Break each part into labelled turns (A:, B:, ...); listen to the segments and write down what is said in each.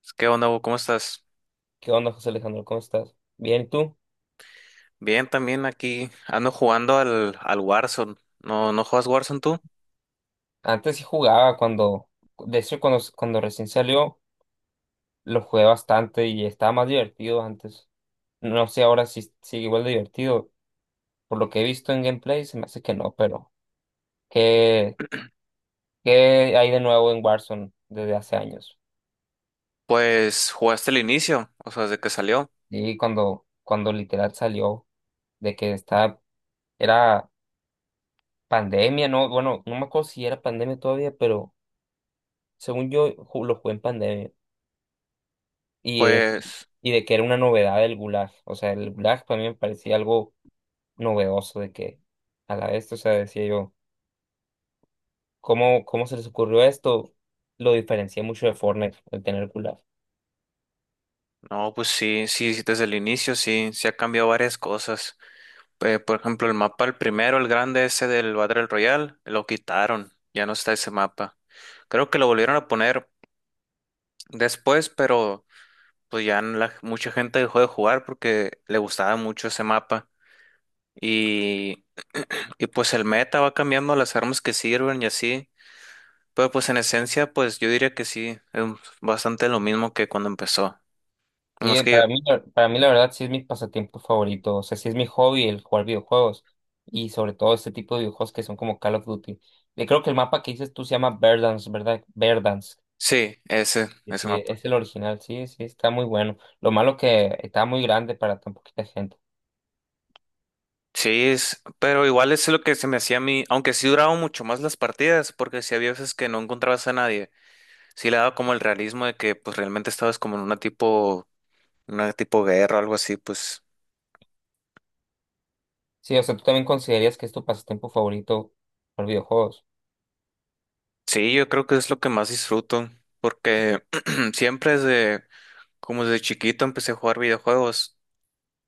A: Pues, ¿qué onda, Hugo? ¿Cómo estás?
B: ¿Qué onda, José Alejandro? ¿Cómo estás? Bien, ¿y tú?
A: Bien, también aquí ando jugando al Warzone. ¿No juegas Warzone tú?
B: Antes sí jugaba cuando, de hecho, cuando recién salió, lo jugué bastante y estaba más divertido antes. No sé ahora si sigue igual de divertido. Por lo que he visto en gameplay, se me hace que no, pero ¿qué, ¿qué hay de nuevo en Warzone desde hace años?
A: Pues jugaste el inicio, o sea, desde que salió.
B: Y cuando literal salió de que estaba, era pandemia, ¿no? Bueno, no me acuerdo si era pandemia todavía, pero según yo lo jugué en pandemia. y de,
A: Pues,
B: y de que era una novedad el gulag. O sea, el gulag para mí me parecía algo novedoso, de que a la vez, o sea, decía yo, ¿cómo se les ocurrió esto? Lo diferencia mucho de Fortnite, el tener gulag.
A: no, pues sí, desde el inicio sí, sí ha cambiado varias cosas. Por ejemplo, el mapa, el primero, el grande ese del Battle Royale, lo quitaron, ya no está ese mapa. Creo que lo volvieron a poner después, pero pues ya mucha gente dejó de jugar porque le gustaba mucho ese mapa. y Y pues el meta va cambiando las armas que sirven y así. Pero pues en esencia, pues yo diría que sí, es bastante lo mismo que cuando empezó.
B: Sí,
A: Nomás que yo,
B: para mí la verdad sí es mi pasatiempo favorito, o sea, sí es mi hobby el jugar videojuegos y sobre todo este tipo de videojuegos que son como Call of Duty. Y creo que el mapa que dices tú se llama Verdansk, ¿verdad? Verdansk.
A: sí, ese,
B: Sí,
A: ese
B: sí,
A: mapa.
B: es el original, sí, sí, está muy bueno. Lo malo que está muy grande para tan poquita gente.
A: Sí, es, pero igual es lo que se me hacía a mí, aunque sí duraban mucho más las partidas, porque si había veces que no encontrabas a nadie, sí le daba como el realismo de que pues realmente estabas como en una tipo guerra o algo así, pues
B: Sí, o sea, ¿tú también considerarías que es tu pasatiempo favorito por videojuegos?
A: sí, yo creo que es lo que más disfruto, porque siempre desde, como desde chiquito empecé a jugar videojuegos.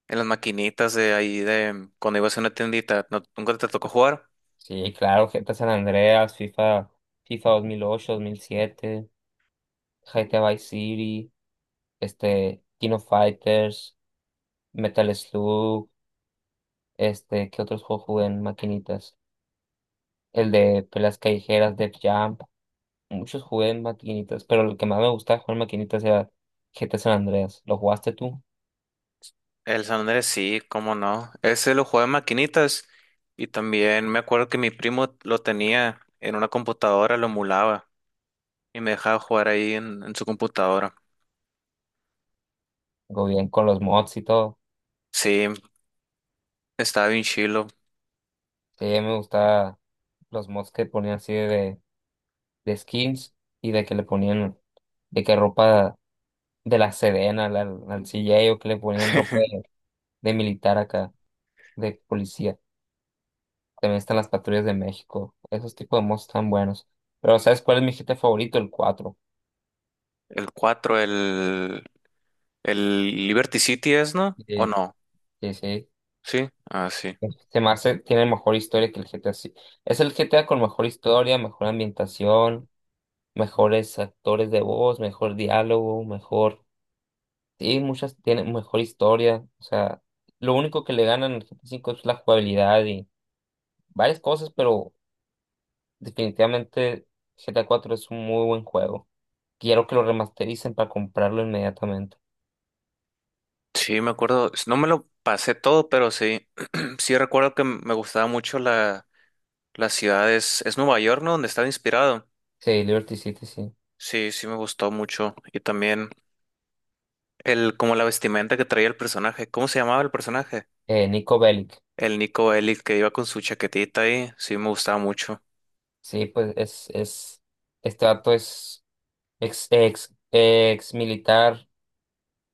A: En las maquinitas de ahí de cuando ibas a una tiendita, ¿nunca te tocó jugar?
B: Sí, claro, GTA San Andreas, FIFA 2008, 2007, GTA Vice City, King of Fighters, Metal Slug, este, ¿qué otros juegos jugué en maquinitas? El de peleas callejeras, Def Jump, muchos jugué en maquinitas, pero el que más me gustaba jugar en maquinitas era GTA San Andreas. ¿Lo jugaste tú?
A: El San Andrés sí, cómo no. Ese lo jugaba en maquinitas y también me acuerdo que mi primo lo tenía en una computadora, lo emulaba y me dejaba jugar ahí en su computadora.
B: Go bien con los mods y todo.
A: Sí, estaba bien chilo.
B: Sí, me gustaba los mods que ponían así de skins y de que le ponían de que ropa de la Sedena al CJ o que le ponían ropa de militar acá, de policía. También están las patrullas de México, esos tipos de mods están buenos. Pero ¿sabes cuál es mi GTA favorito? El cuatro.
A: El 4 el Liberty City es, ¿no? ¿O
B: Sí,
A: no?
B: sí, sí.
A: Sí, ah, sí.
B: Se me hace, tiene mejor historia que el GTA. Sí. Es el GTA con mejor historia, mejor ambientación, mejores actores de voz, mejor diálogo, mejor. Sí, muchas tienen mejor historia. O sea, lo único que le ganan al GTA V es la jugabilidad y varias cosas, pero definitivamente GTA cuatro es un muy buen juego. Quiero que lo remastericen para comprarlo inmediatamente.
A: Sí, me acuerdo. No me lo pasé todo, pero sí. Sí recuerdo que me gustaba mucho la. La ciudad es Nueva York, ¿no? Donde estaba inspirado.
B: Sí, Liberty City, sí.
A: Sí, sí me gustó mucho. Y también el, como la vestimenta que traía el personaje. ¿Cómo se llamaba el personaje?
B: Nico Bellic.
A: El Nico Bellic que iba con su chaquetita ahí. Sí me gustaba mucho.
B: Sí, este dato es ex militar.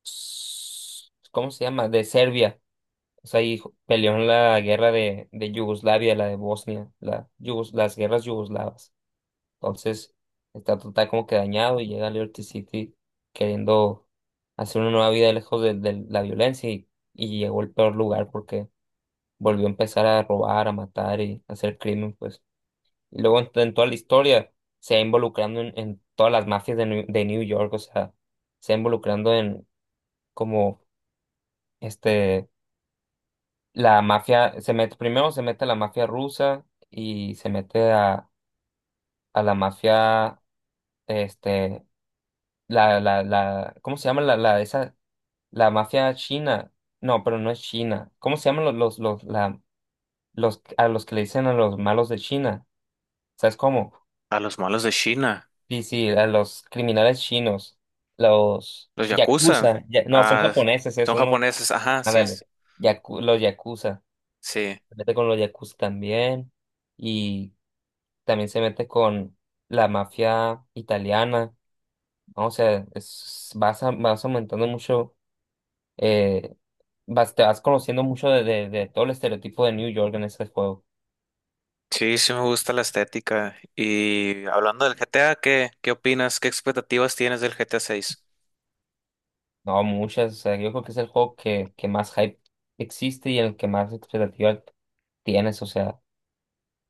B: ¿Cómo se llama? De Serbia. O sea, y peleó en la guerra de Yugoslavia, la de Bosnia, las guerras yugoslavas. Entonces, está total como que dañado y llega a Liberty City queriendo hacer una nueva vida lejos de la violencia y llegó al peor lugar porque volvió a empezar a robar, a matar y a hacer crimen, pues. Y luego en toda la historia se va involucrando en todas las mafias de de New York, o sea, se va involucrando en como este. La mafia se mete, primero se mete la mafia rusa y se mete a la mafia, este, ¿cómo se llama esa, la mafia china? No, pero no es China. ¿Cómo se llaman los, los, la, a los que le dicen a los malos de China? ¿Sabes cómo?
A: A los malos de China.
B: Sí, sí, a los criminales chinos,
A: Los Yakuza.
B: no, son
A: Ah,
B: japoneses
A: son
B: esos, ¿no?
A: japoneses. Ajá, sí.
B: Ándale, los yakuza,
A: Sí.
B: se mete con los yakuza también y también se mete con la mafia italiana, ¿no? O sea, vas aumentando mucho, eh, vas, te vas conociendo mucho de todo el estereotipo de New York en ese juego.
A: Sí, sí me gusta la estética. Y hablando del GTA, ¿qué opinas? ¿Qué expectativas tienes del GTA 6?
B: No, muchas, o sea, yo creo que es el juego que más hype existe y en el que más expectativa tienes, o sea,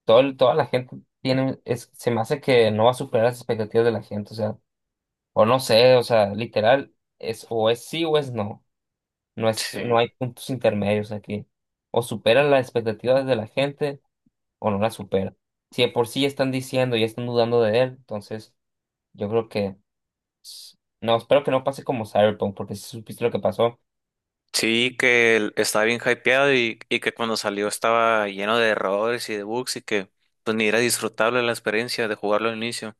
B: toda la gente tiene, es, se me hace que no va a superar las expectativas de la gente, o sea, o no sé, o sea, literal, es o es sí o es no.
A: Sí.
B: No hay puntos intermedios aquí. O supera las expectativas de la gente o no las supera. Si de por sí ya están diciendo y están dudando de él, entonces yo creo que no, espero que no pase como Cyberpunk, porque si supiste lo que pasó,
A: Sí, que estaba bien hypeado y que cuando salió estaba lleno de errores y de bugs y que pues ni era disfrutable la experiencia de jugarlo al inicio.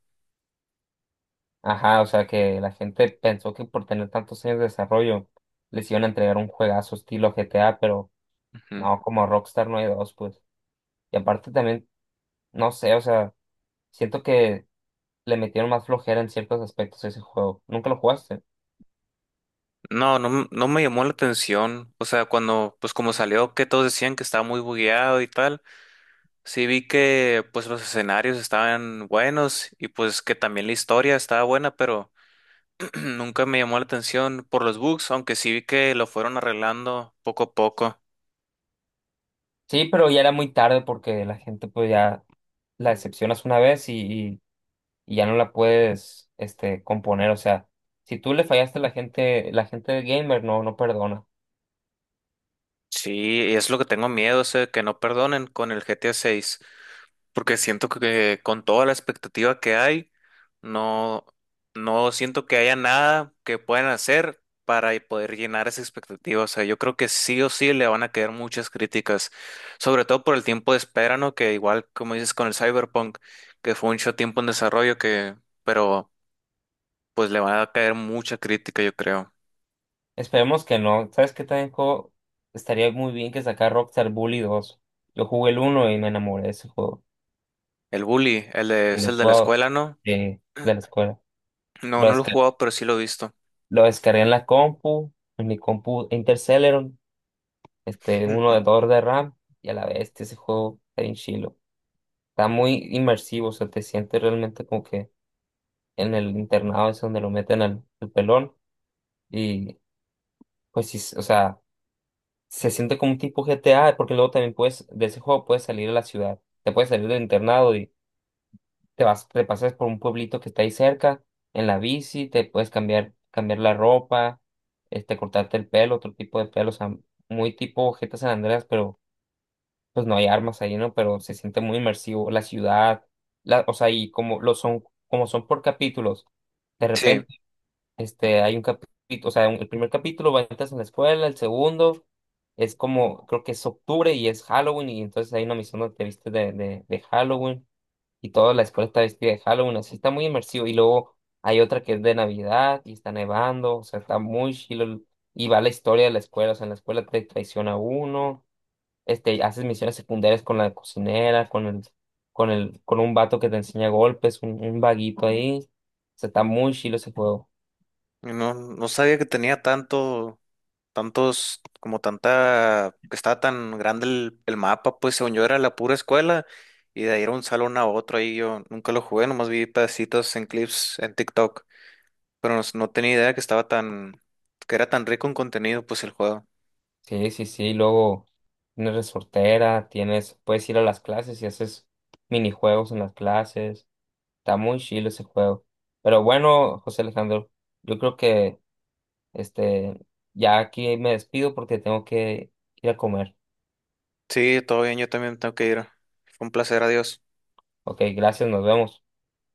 B: ajá, o sea que la gente pensó que por tener tantos años de desarrollo les iban a entregar un juegazo estilo GTA, pero
A: Ujú.
B: no, como Rockstar no hay dos, pues. Y aparte también, no sé, o sea, siento que le metieron más flojera en ciertos aspectos a ese juego. ¿Nunca lo jugaste?
A: No, no, no me llamó la atención. O sea, cuando pues como salió que todos decían que estaba muy bugueado y tal, sí vi que pues los escenarios estaban buenos y pues que también la historia estaba buena, pero nunca me llamó la atención por los bugs, aunque sí vi que lo fueron arreglando poco a poco.
B: Sí, pero ya era muy tarde porque la gente pues ya la decepcionas una vez y ya no la puedes este componer. O sea, si tú le fallaste a la gente de gamer no, no perdona.
A: Sí, es lo que tengo miedo, o sea, que no perdonen con el GTA 6, porque siento que con toda la expectativa que hay, no, no siento que haya nada que puedan hacer para poder llenar esa expectativa. O sea, yo creo que sí o sí le van a quedar muchas críticas, sobre todo por el tiempo de espera, ¿no? Que igual, como dices, con el Cyberpunk, que fue mucho tiempo en desarrollo, que, pero pues le van a caer mucha crítica, yo creo.
B: Esperemos que no. ¿Sabes qué también juego? Estaría muy bien que sacar Rockstar Bully 2. Yo jugué el uno y me enamoré de ese juego.
A: El bully,
B: Y
A: es
B: lo
A: el de la escuela, ¿no?
B: he de la escuela.
A: No,
B: Lo
A: no lo he
B: descargué,
A: jugado, pero sí lo he visto.
B: lo descargué en la compu, en mi compu Interceleron, este, uno de 2 de RAM, y a la bestia ese juego está bien chilo. Está muy inmersivo, o sea, te sientes realmente como que en el internado es donde lo meten al pelón y pues sí, o sea, se siente como un tipo GTA porque luego también puedes, de ese juego puedes salir a la ciudad, te puedes salir del internado y te pasas por un pueblito que está ahí cerca en la bici, te puedes cambiar, cambiar la ropa, este, cortarte el pelo, otro tipo de pelo, o sea, muy tipo GTA San Andreas, pero pues no hay armas ahí, ¿no? Pero se siente muy inmersivo la ciudad, la, o sea, y como lo son, como son por capítulos, de
A: Sí,
B: repente, este, hay un capítulo, el primer capítulo va entras en la escuela, el segundo es como, creo que es octubre y es Halloween, y entonces hay una misión donde te viste de Halloween, y toda la escuela está vestida de Halloween, así está muy inmersivo, y luego hay otra que es de Navidad, y está nevando, o sea, está muy chilo, el- y va la historia de la escuela, o sea, en la escuela te traiciona uno, este, haces misiones secundarias con la cocinera, con el, con un vato que te enseña golpes, un vaguito ahí. O sea, está muy chilo ese juego.
A: no, no sabía que tenía tanto, tantos, como tanta, que estaba tan grande el mapa, pues según yo era la pura escuela y de ahí era un salón a otro, ahí yo nunca lo jugué, nomás vi pedacitos en clips en TikTok, pero no, no tenía idea que estaba tan, que era tan rico en contenido, pues el juego.
B: Sí, sí, sí. Luego tienes resortera, tienes, puedes ir a las clases y haces minijuegos en las clases. Está muy chilo ese juego. Pero bueno, José Alejandro, yo creo que este ya aquí me despido porque tengo que ir a comer.
A: Sí, todo bien, yo también tengo que ir. Fue un placer, adiós.
B: Ok, gracias, nos vemos.